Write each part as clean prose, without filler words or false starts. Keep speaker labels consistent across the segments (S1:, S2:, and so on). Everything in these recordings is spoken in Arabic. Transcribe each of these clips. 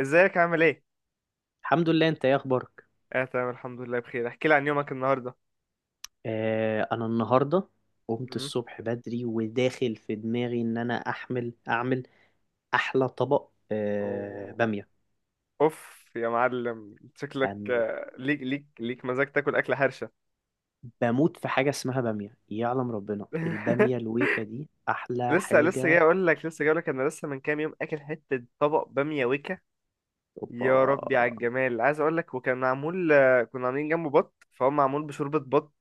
S1: ازيك عامل ايه؟
S2: الحمد لله. انت ايه اخبارك؟
S1: اه، تمام الحمد لله بخير. احكي لي عن يومك النهارده.
S2: انا النهارده قمت
S1: امم
S2: الصبح بدري، وداخل في دماغي ان انا اعمل احلى طبق
S1: أوه.
S2: باميه.
S1: اوف يا معلم، شكلك
S2: باميه.
S1: ليك مزاج تاكل اكل حرشه.
S2: بموت في حاجه اسمها باميه، يعلم ربنا الباميه الويكه دي احلى
S1: لسه لسه جاي
S2: حاجه.
S1: اقول لك لسه جاي اقول لك انا لسه من كام يوم اكل حته طبق باميه وكا. يا
S2: اوبا.
S1: ربي على الجمال! عايز اقول لك وكان معمول، كنا عاملين جنبه بط، فهو معمول بشوربه بط،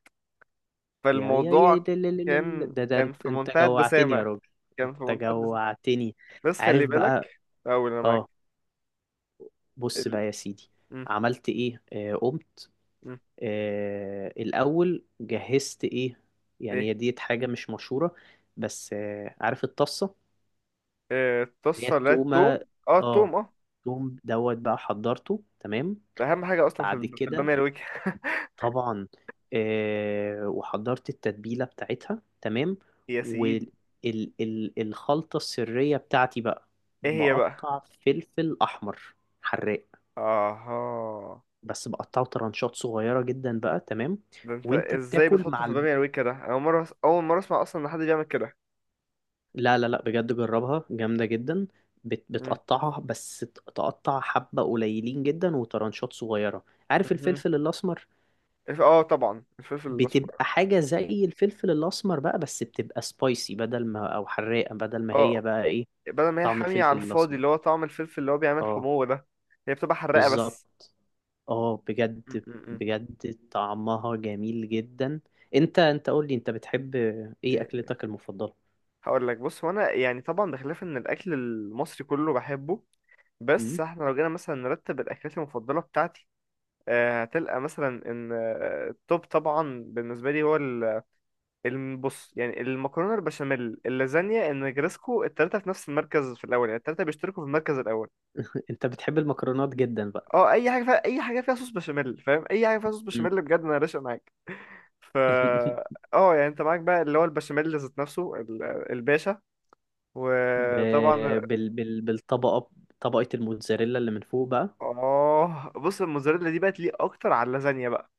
S2: يا
S1: فالموضوع
S2: ده ده, ده, ده,
S1: كان
S2: ده, ده
S1: كان
S2: انت,
S1: في
S2: انت
S1: منتهى
S2: جوعتني يا
S1: الدسامه،
S2: راجل.
S1: كان في
S2: انت
S1: منتهى الدسامه.
S2: جوعتني.
S1: بس خلي
S2: عارف بقى.
S1: بالك، اول انا معاك.
S2: اه. بص
S1: ال...
S2: بقى يا سيدي،
S1: م-
S2: عملت ايه؟ قمت.
S1: م-
S2: الأول جهزت إيه؟ يعني
S1: ايه؟
S2: هي ديت حاجة مش مشهورة، بس عارف الطاسة اللي هي
S1: الطاسة، لا
S2: التومة.
S1: التوم، اه
S2: اه.
S1: التوم اه.
S2: التوم دوت بقى حضرته تمام.
S1: ده أهم حاجة أصلا في
S2: بعد
S1: في
S2: كده،
S1: البامية الوجه.
S2: طبعا. وحضرت التتبيلة بتاعتها تمام.
S1: يا سيدي.
S2: والخلطة السرية بتاعتي بقى،
S1: ايه هي بقى؟
S2: بقطع فلفل أحمر حراق،
S1: اها.
S2: بس بقطعه ترانشات صغيرة جدا بقى. تمام.
S1: ده انت
S2: وانت
S1: ازاي
S2: بتاكل
S1: بتحطه
S2: مع
S1: في بامية الوجه ده؟ أنا أول مرة أسمع أصلا إن حد بيعمل كده.
S2: لا لا لا، بجد جربها جامدة جدا.
S1: مم.
S2: بتقطعها، بس تقطع حبة قليلين جدا وترانشات صغيرة. عارف
S1: مهم.
S2: الفلفل الأسمر؟
S1: اه طبعا الفلفل الأسمر.
S2: بتبقى حاجة زي الفلفل الأسمر بقى، بس بتبقى سبايسي بدل ما أو حراقة، بدل ما
S1: اه،
S2: هي بقى إيه؟
S1: بدل ما هي
S2: طعم
S1: حامية على
S2: الفلفل
S1: الفاضي
S2: الأسمر.
S1: اللي هو طعم الفلفل اللي هو بيعمل
S2: اه
S1: حموة ده، هي بتبقى حراقة بس.
S2: بالظبط. اه
S1: مم،
S2: بجد
S1: مم، مم.
S2: بجد طعمها جميل جدا. انت قول لي، انت بتحب ايه
S1: إيه،
S2: اكلتك المفضلة؟
S1: هقول لك. بص هو انا يعني طبعا بخلاف ان الاكل المصري كله بحبه،
S2: م؟
S1: بس احنا لو جينا مثلا نرتب الاكلات المفضله بتاعتي، هتلقى مثلا ان التوب طبعا بالنسبه لي هو البص، يعني المكرونه البشاميل، اللازانيا، النجرسكو، التلاته في نفس المركز في الاول. يعني التلاته بيشتركوا في المركز الاول.
S2: انت بتحب المكرونات جدا بقى.
S1: اه، اي حاجه فيها صوص بشاميل، فاهم؟ اي حاجه فيها صوص
S2: م.
S1: بشاميل بجد انا راشق معاك. ف اه، يعني انت معاك بقى اللي هو البشاميل ذات نفسه الباشا.
S2: ب...
S1: وطبعا
S2: بالطبقة، طبقة الموتزاريلا اللي من فوق بقى.
S1: اه، بص الموزاريلا دي بقت ليه اكتر على اللازانيا بقى.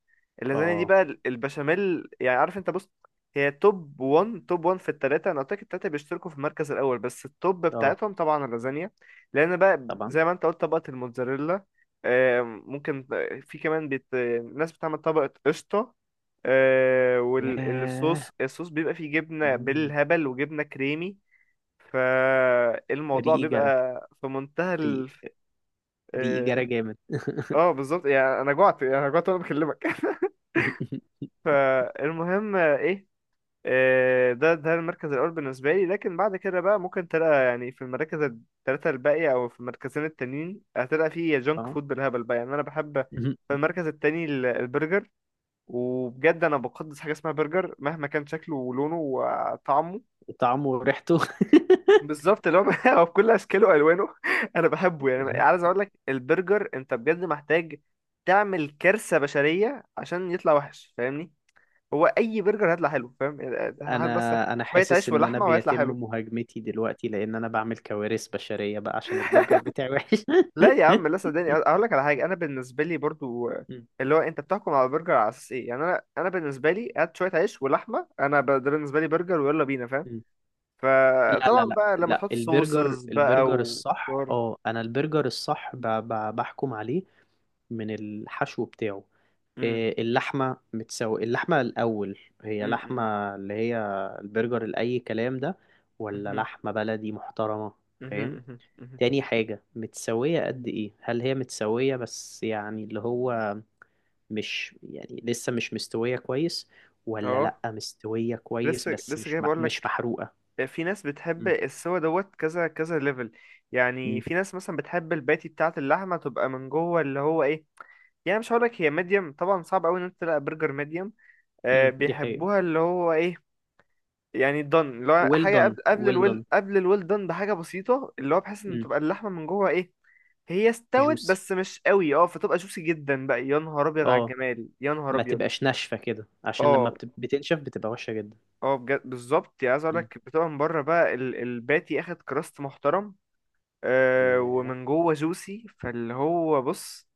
S1: اللازانيا دي
S2: اه
S1: بقى البشاميل، يعني عارف انت؟ بص هي توب 1، توب 1 في التلاتة. انا قلت لك التلاتة بيشتركوا في المركز الاول، بس التوب
S2: اه
S1: بتاعتهم طبعا اللازانيا، لان بقى
S2: طبعا.
S1: زي ما انت قلت، طبقة الموتزاريلا. آم، ممكن في كمان ناس بتعمل طبقة قشطة،
S2: ياه.
S1: الصوص بيبقى فيه جبنة
S2: مم.
S1: بالهبل وجبنة كريمي. فالموضوع
S2: ريقي
S1: بيبقى
S2: جرى.
S1: في منتهى.
S2: ريقي ريقي جرى جامد.
S1: اه بالظبط، يعني انا جوعت وانا بكلمك. فالمهم ايه؟ ده المركز الاول بالنسبه لي، لكن بعد كده بقى ممكن تلاقي، يعني في المراكز الثلاثه الباقيه، او في المركزين التانيين هتلاقي فيه جانك
S2: اه.
S1: فود بالهبل بقى. يعني انا بحب
S2: مم.
S1: في المركز التاني البرجر، وبجد انا بقدس حاجه اسمها برجر مهما كان شكله ولونه وطعمه.
S2: طعمه وريحته.
S1: بالظبط اللي هو هو بكل اشكاله والوانه. انا بحبه. يعني عايز اقول لك البرجر انت بجد محتاج تعمل كارثه بشريه عشان يطلع وحش، فاهمني؟ هو اي برجر هيطلع حلو، فاهم؟ يعني هات بس
S2: انا انا
S1: شويه
S2: حاسس
S1: عيش
S2: ان انا
S1: ولحمه وهيطلع
S2: بيتم
S1: حلو.
S2: مهاجمتي دلوقتي، لان انا بعمل كوارث بشرية بقى عشان البرجر بتاعي وحش.
S1: لا يا عم لا، صدقني اقول لك على حاجه. انا بالنسبه لي برضو
S2: مم.
S1: اللي هو انت بتحكم على البرجر على اساس ايه؟ يعني انا بالنسبه لي هات شويه عيش ولحمه، ده بالنسبه لي برجر ويلا بينا، فاهم؟
S2: مم. لا
S1: فطبعا
S2: لا لا
S1: بقى لما
S2: لا،
S1: تحط صوصز بقى
S2: البرجر
S1: و...
S2: الصح، اه انا البرجر الصح بحكم عليه من الحشو بتاعه. إيه، اللحمة الأول، هي
S1: امم
S2: لحمة اللي هي البرجر الأي كلام ده، ولا لحمة بلدي محترمة؟
S1: مهم،
S2: فاهم؟
S1: مهم، مهم.
S2: تاني حاجة، متسوية قد إيه؟ هل هي متسوية بس يعني اللي هو مش يعني لسه مش مستوية كويس، ولا لأ
S1: اه،
S2: مستوية كويس
S1: لسه
S2: بس
S1: لسه جاي بقول
S2: مش
S1: لك،
S2: محروقة؟
S1: في ناس بتحب
S2: م-
S1: السوا دوت كذا كذا ليفل. يعني
S2: م-
S1: في ناس مثلا بتحب الباتي بتاعه اللحمه تبقى من جوه اللي هو ايه؟ يعني مش هقول لك هي ميديم، طبعا صعب قوي ان انت تلاقي برجر ميديم.
S2: م،
S1: آه،
S2: دي حقيقة.
S1: بيحبوها اللي هو ايه؟ يعني دن اللي هو
S2: well
S1: حاجه
S2: done
S1: قبل
S2: well
S1: الويل،
S2: done.
S1: قبل الويل دن بحاجه بسيطه، اللي هو بحيث ان
S2: م.
S1: تبقى اللحمه من جوه ايه؟ هي استوت
S2: juicy.
S1: بس مش قوي اه، فتبقى جوسي جدا بقى. يا نهار ابيض على
S2: اه،
S1: الجمال، يا نهار
S2: ما
S1: ابيض.
S2: تبقاش ناشفة كده عشان لما
S1: اه
S2: بتنشف بتبقى وحشة جدا.
S1: اه بجد بالظبط. يعني عايز اقول
S2: م.
S1: لك بتبقى من بره بقى الباتي اخد كراست محترم، آه،
S2: ياه.
S1: ومن جوه جوسي، فاللي هو بص،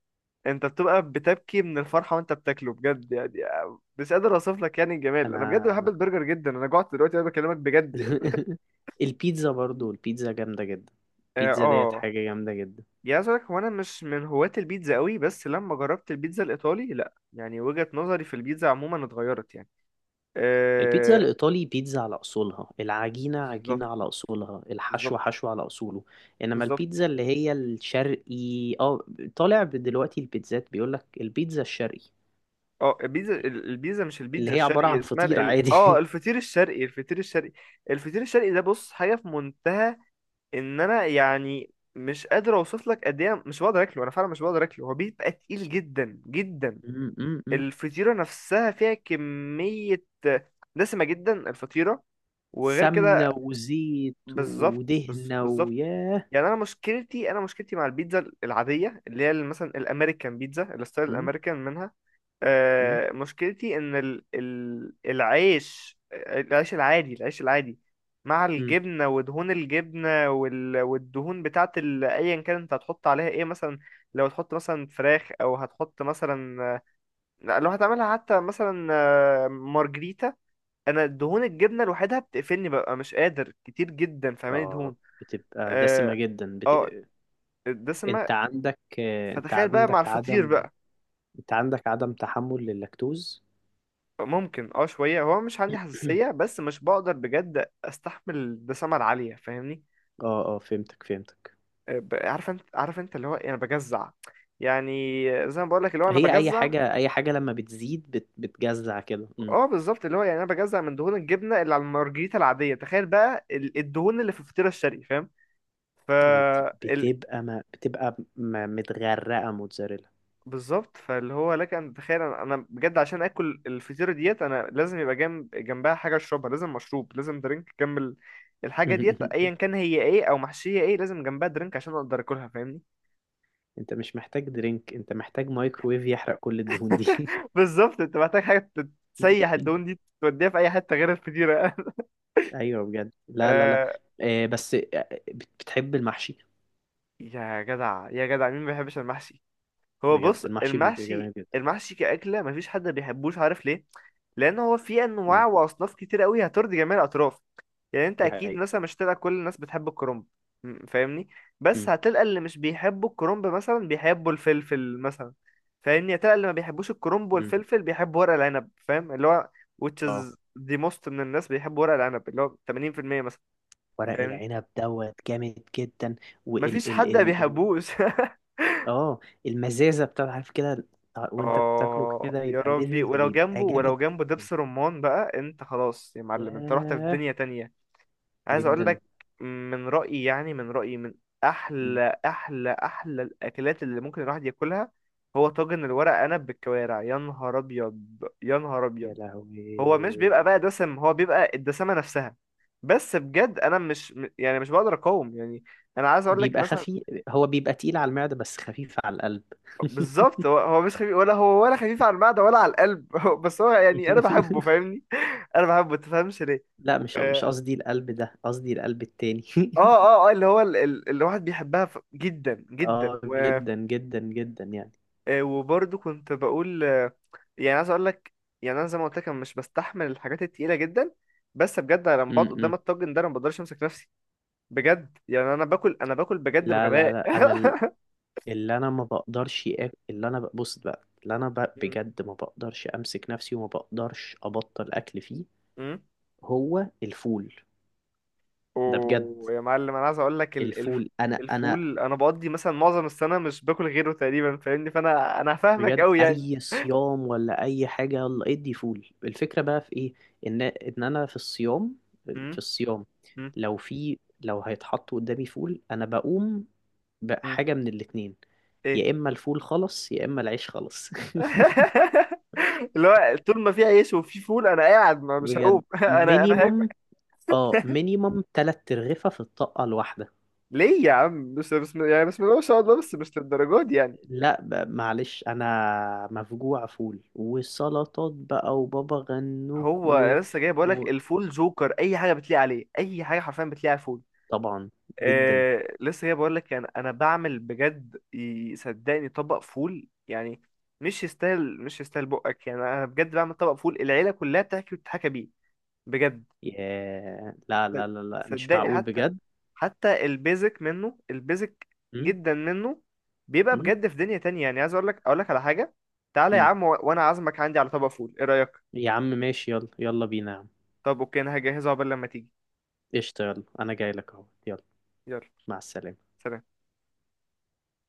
S1: انت بتبقى بتبكي من الفرحه وانت بتاكله بجد يعني. مش قادر اوصف لك يعني الجمال. انا بجد بحب
S2: انا.
S1: البرجر جدا، انا جوعت دلوقتي انا بكلمك بجد يعني.
S2: البيتزا برضو، البيتزا جامدة جدا.
S1: اه
S2: البيتزا ديت
S1: آه.
S2: حاجة جامدة جدا.
S1: يعني عايز اقول لك هو انا مش من هواة البيتزا قوي، بس لما جربت البيتزا الايطالي، لا يعني وجهة نظري في البيتزا عموما اتغيرت يعني.
S2: البيتزا
S1: آه.
S2: الإيطالي بيتزا على أصولها، العجينة
S1: بالظبط.
S2: عجينة على أصولها،
S1: بالظبط.
S2: الحشو حشو على أصوله. إنما
S1: بالظبط.
S2: البيتزا اللي هي الشرقي، اه، طالع دلوقتي البيتزات بيقولك البيتزا الشرقي
S1: اه، البيتزا البيتزا، مش
S2: اللي
S1: البيتزا
S2: هي عبارة
S1: الشرقي،
S2: عن
S1: اسمها
S2: فطير عادي.
S1: اه الفطير الشرقي، الفطير الشرقي. الفطير الشرقي ده بص حاجه في منتهى. ان انا يعني مش قادر اوصف لك قد ايه، مش بقدر اكله، انا فعلا مش بقدر اكله. هو بيبقى تقيل جدا جدا.
S2: م.
S1: الفطيره نفسها فيها كميه دسمه جدا، الفطيره، وغير كده.
S2: سمنة وزيت ودهنة
S1: بالظبط.
S2: ويا.
S1: يعني انا مشكلتي مع البيتزا العاديه اللي هي مثلا الامريكان بيتزا، الستايل
S2: م-
S1: الامريكان منها.
S2: م-
S1: مشكلتي ان العيش، العيش العادي مع
S2: م.
S1: الجبنه ودهون الجبنه والدهون بتاعت ايا كان انت هتحط عليها ايه مثلا. لو هتحط مثلا فراخ، او هتحط مثلا، لا، لو هتعملها حتى مثلا، مارجريتا، انا دهون الجبنه لوحدها بتقفلني، ببقى مش قادر كتير جدا، فاهماني؟
S2: اه
S1: دهون
S2: بتبقى دسمة
S1: اه،
S2: جدا.
S1: آه، دسمه.
S2: انت عندك انت
S1: فتخيل بقى مع
S2: عندك
S1: الفطير بقى.
S2: انت عندك عدم تحمل لللاكتوز.
S1: ممكن اه شوية، هو مش عندي حساسية، بس مش بقدر بجد استحمل الدسامة العالية، فاهمني؟
S2: اه اه، فهمتك فهمتك.
S1: عارف انت اللي هو ايه، انا بجزع. يعني زي ما بقول لك، اللي هو انا
S2: هي اي
S1: بجزع.
S2: حاجة، اي حاجة لما بتزيد بتجزع كده. مم.
S1: اه بالظبط اللي هو، يعني انا بجزع من دهون الجبنة اللي على المارجريتا العادية، تخيل بقى الدهون اللي في الفطيرة الشرقي، فاهم؟ ف
S2: بتبقى ما... بتبقى م... متغرقة موتزاريلا.
S1: بالظبط، فاللي هو لك ان تتخيل، أنا بجد عشان اكل الفطيره ديت انا لازم يبقى جنبها حاجه اشربها، لازم مشروب، لازم درينك جنب الحاجه ديت، ايا كان هي ايه، او محشيه ايه، لازم جنبها درينك عشان اقدر اكلها فاهمني.
S2: انت مش محتاج درينك، انت محتاج مايكرويف يحرق كل الدهون دي.
S1: بالظبط، انت محتاج حاجه تسيح الدهون دي، توديها في اي حته غير الفطيره.
S2: ايوه بجد، لا لا لا.
S1: آه،
S2: بس بتحب المحشي؟
S1: يا جدع مين ما بيحبش المحشي؟ هو
S2: بجد
S1: بص،
S2: المحشي بيبقى
S1: المحشي،
S2: جميل جدا.
S1: كأكلة مفيش حد بيحبوش، عارف ليه؟ لأن هو فيه
S2: مم.
S1: أنواع وأصناف كتير قوي هترضي جميع الأطراف. يعني أنت
S2: دي
S1: أكيد
S2: حقيقة.
S1: مثلا مش هتلاقي كل الناس بتحب الكرنب، فاهمني؟ بس
S2: مم.
S1: هتلقى اللي مش بيحبوا الكرنب مثلا بيحبوا الفلفل مثلا، فاهمني؟ هتلقى اللي ما بيحبوش الكرنب
S2: مم.
S1: والفلفل بيحبوا ورق العنب، فاهم اللي هو which
S2: اه
S1: is the most؟ من الناس بيحبوا ورق العنب اللي هو 80% مثلا،
S2: ورق
S1: فاهمني؟
S2: العنب دوت جامد جدا.
S1: مفيش
S2: وال ال
S1: حد ما
S2: ال ال
S1: بيحبوش.
S2: اه المزازه بتاع، عارف كده، وانت بتاكله
S1: اه
S2: كده
S1: يا
S2: يبقى
S1: ربي،
S2: مزز،
S1: ولو جنبه،
S2: بيبقى
S1: ولو
S2: جامد
S1: جنبه
S2: جدا.
S1: دبس رمان بقى، انت خلاص يا معلم، انت رحت في
S2: ياه.
S1: دنيا تانية. عايز اقول
S2: جدا.
S1: لك، من رأيي من
S2: مم.
S1: احلى، احلى، احلى الاكلات اللي ممكن الواحد ياكلها، هو طاجن الورق عنب بالكوارع. يا نهار ابيض، يا نهار
S2: يا
S1: ابيض. هو مش بيبقى
S2: لهوي.
S1: بقى دسم، هو بيبقى الدسامة نفسها. بس بجد انا مش م- يعني مش بقدر اقاوم يعني. انا عايز اقول لك
S2: بيبقى
S1: مثلا.
S2: خفيف، هو بيبقى تقيل على المعدة بس خفيف على القلب.
S1: بالظبط، هو مش خفيف، ولا هو ولا خفيف على المعدة ولا على القلب. هو- بس هو يعني انا بحبه، فاهمني؟ انا بحبه انت تفهمش ليه.
S2: لا،
S1: و-
S2: مش مش
S1: اه،
S2: قصدي القلب ده، قصدي القلب التاني.
S1: اه اللي هو اللي الواحد بيحبها، جدا جدا
S2: اه
S1: و...
S2: جدا جدا جدا يعني.
S1: وبرضه كنت بقول، يعني عايز اقول لك، يعني انا زي ما قلت لك أنا مش بستحمل الحاجات التقيله جدا، بس بجد أنا لما
S2: م
S1: بقعد قدام
S2: -م.
S1: الطاجن ده انا ما بقدرش امسك نفسي. بجد يعني، انا باكل بجد
S2: لا لا
S1: بغباء.
S2: لا انا. اللي انا ما بقدرش أ- بص بقى، بجد ما بقدرش امسك نفسي وما بقدرش ابطل اكل فيه.
S1: مم.
S2: هو الفول ده بجد.
S1: ويا معلم انا عايز اقول لك
S2: الفول، انا
S1: الفول، انا بقضي مثلا معظم السنه مش باكل غيره تقريبا، فاهمني؟ فانا فاهمك
S2: بجد
S1: قوي يعني.
S2: اي صيام ولا اي حاجه يلا ادي فول. الفكره بقى في ايه، ان انا في الصيام، في
S1: امم
S2: الصيام،
S1: امم
S2: لو في لو هيتحط قدامي فول انا بقوم
S1: امم
S2: بحاجه من الاتنين،
S1: ايه.
S2: يا اما الفول خلص يا اما العيش خلص.
S1: اللي هو طول ما في عيش وفي فول انا قاعد ما مش هقوم،
S2: بجد
S1: انا هاكل.
S2: مينيمم. اه مينيمم تلات ترغفة في الطاقة الواحدة.
S1: ليه يا عم؟ بس بسم يعني بسم الله ما شاء الله، بس مش للدرجه دي يعني.
S2: لا معلش، انا مفجوع فول وسلطات بقى وبابا غنوج
S1: هو أنا لسه جاي بقول لك،
S2: و...
S1: الفول جوكر اي حاجه بتليق عليه، اي حاجه حرفيا بتليق على الفول.
S2: طبعا. جدا.
S1: آه، لسه جاي بقول لك، يعني انا بعمل بجد صدقني طبق فول، يعني مش يستاهل بقك، يعني انا بجد بعمل طبق فول العيله كلها بتحكي وتتحكى بيه، بجد.
S2: ياه. لا
S1: صد-
S2: لا لا لا مش
S1: صدقني
S2: معقول
S1: حتى،
S2: بجد.
S1: البيزك منه، البيزك
S2: م؟
S1: جدا منه، بيبقى
S2: م؟
S1: بجد في دنيا تانية. يعني عايز اقول لك، اقول لك على حاجه، تعالى يا
S2: م.
S1: عم، وانا عازمك عندي على طبق فول، ايه رايك؟
S2: يا عم ماشي، يلا يلا بينا يا عم.
S1: طب اوكي، انا هجهزه قبل لما تيجي.
S2: قشطة، يلا انا جاي لك اهو، يلا.
S1: يلا.
S2: مع السلامة.
S1: سلام.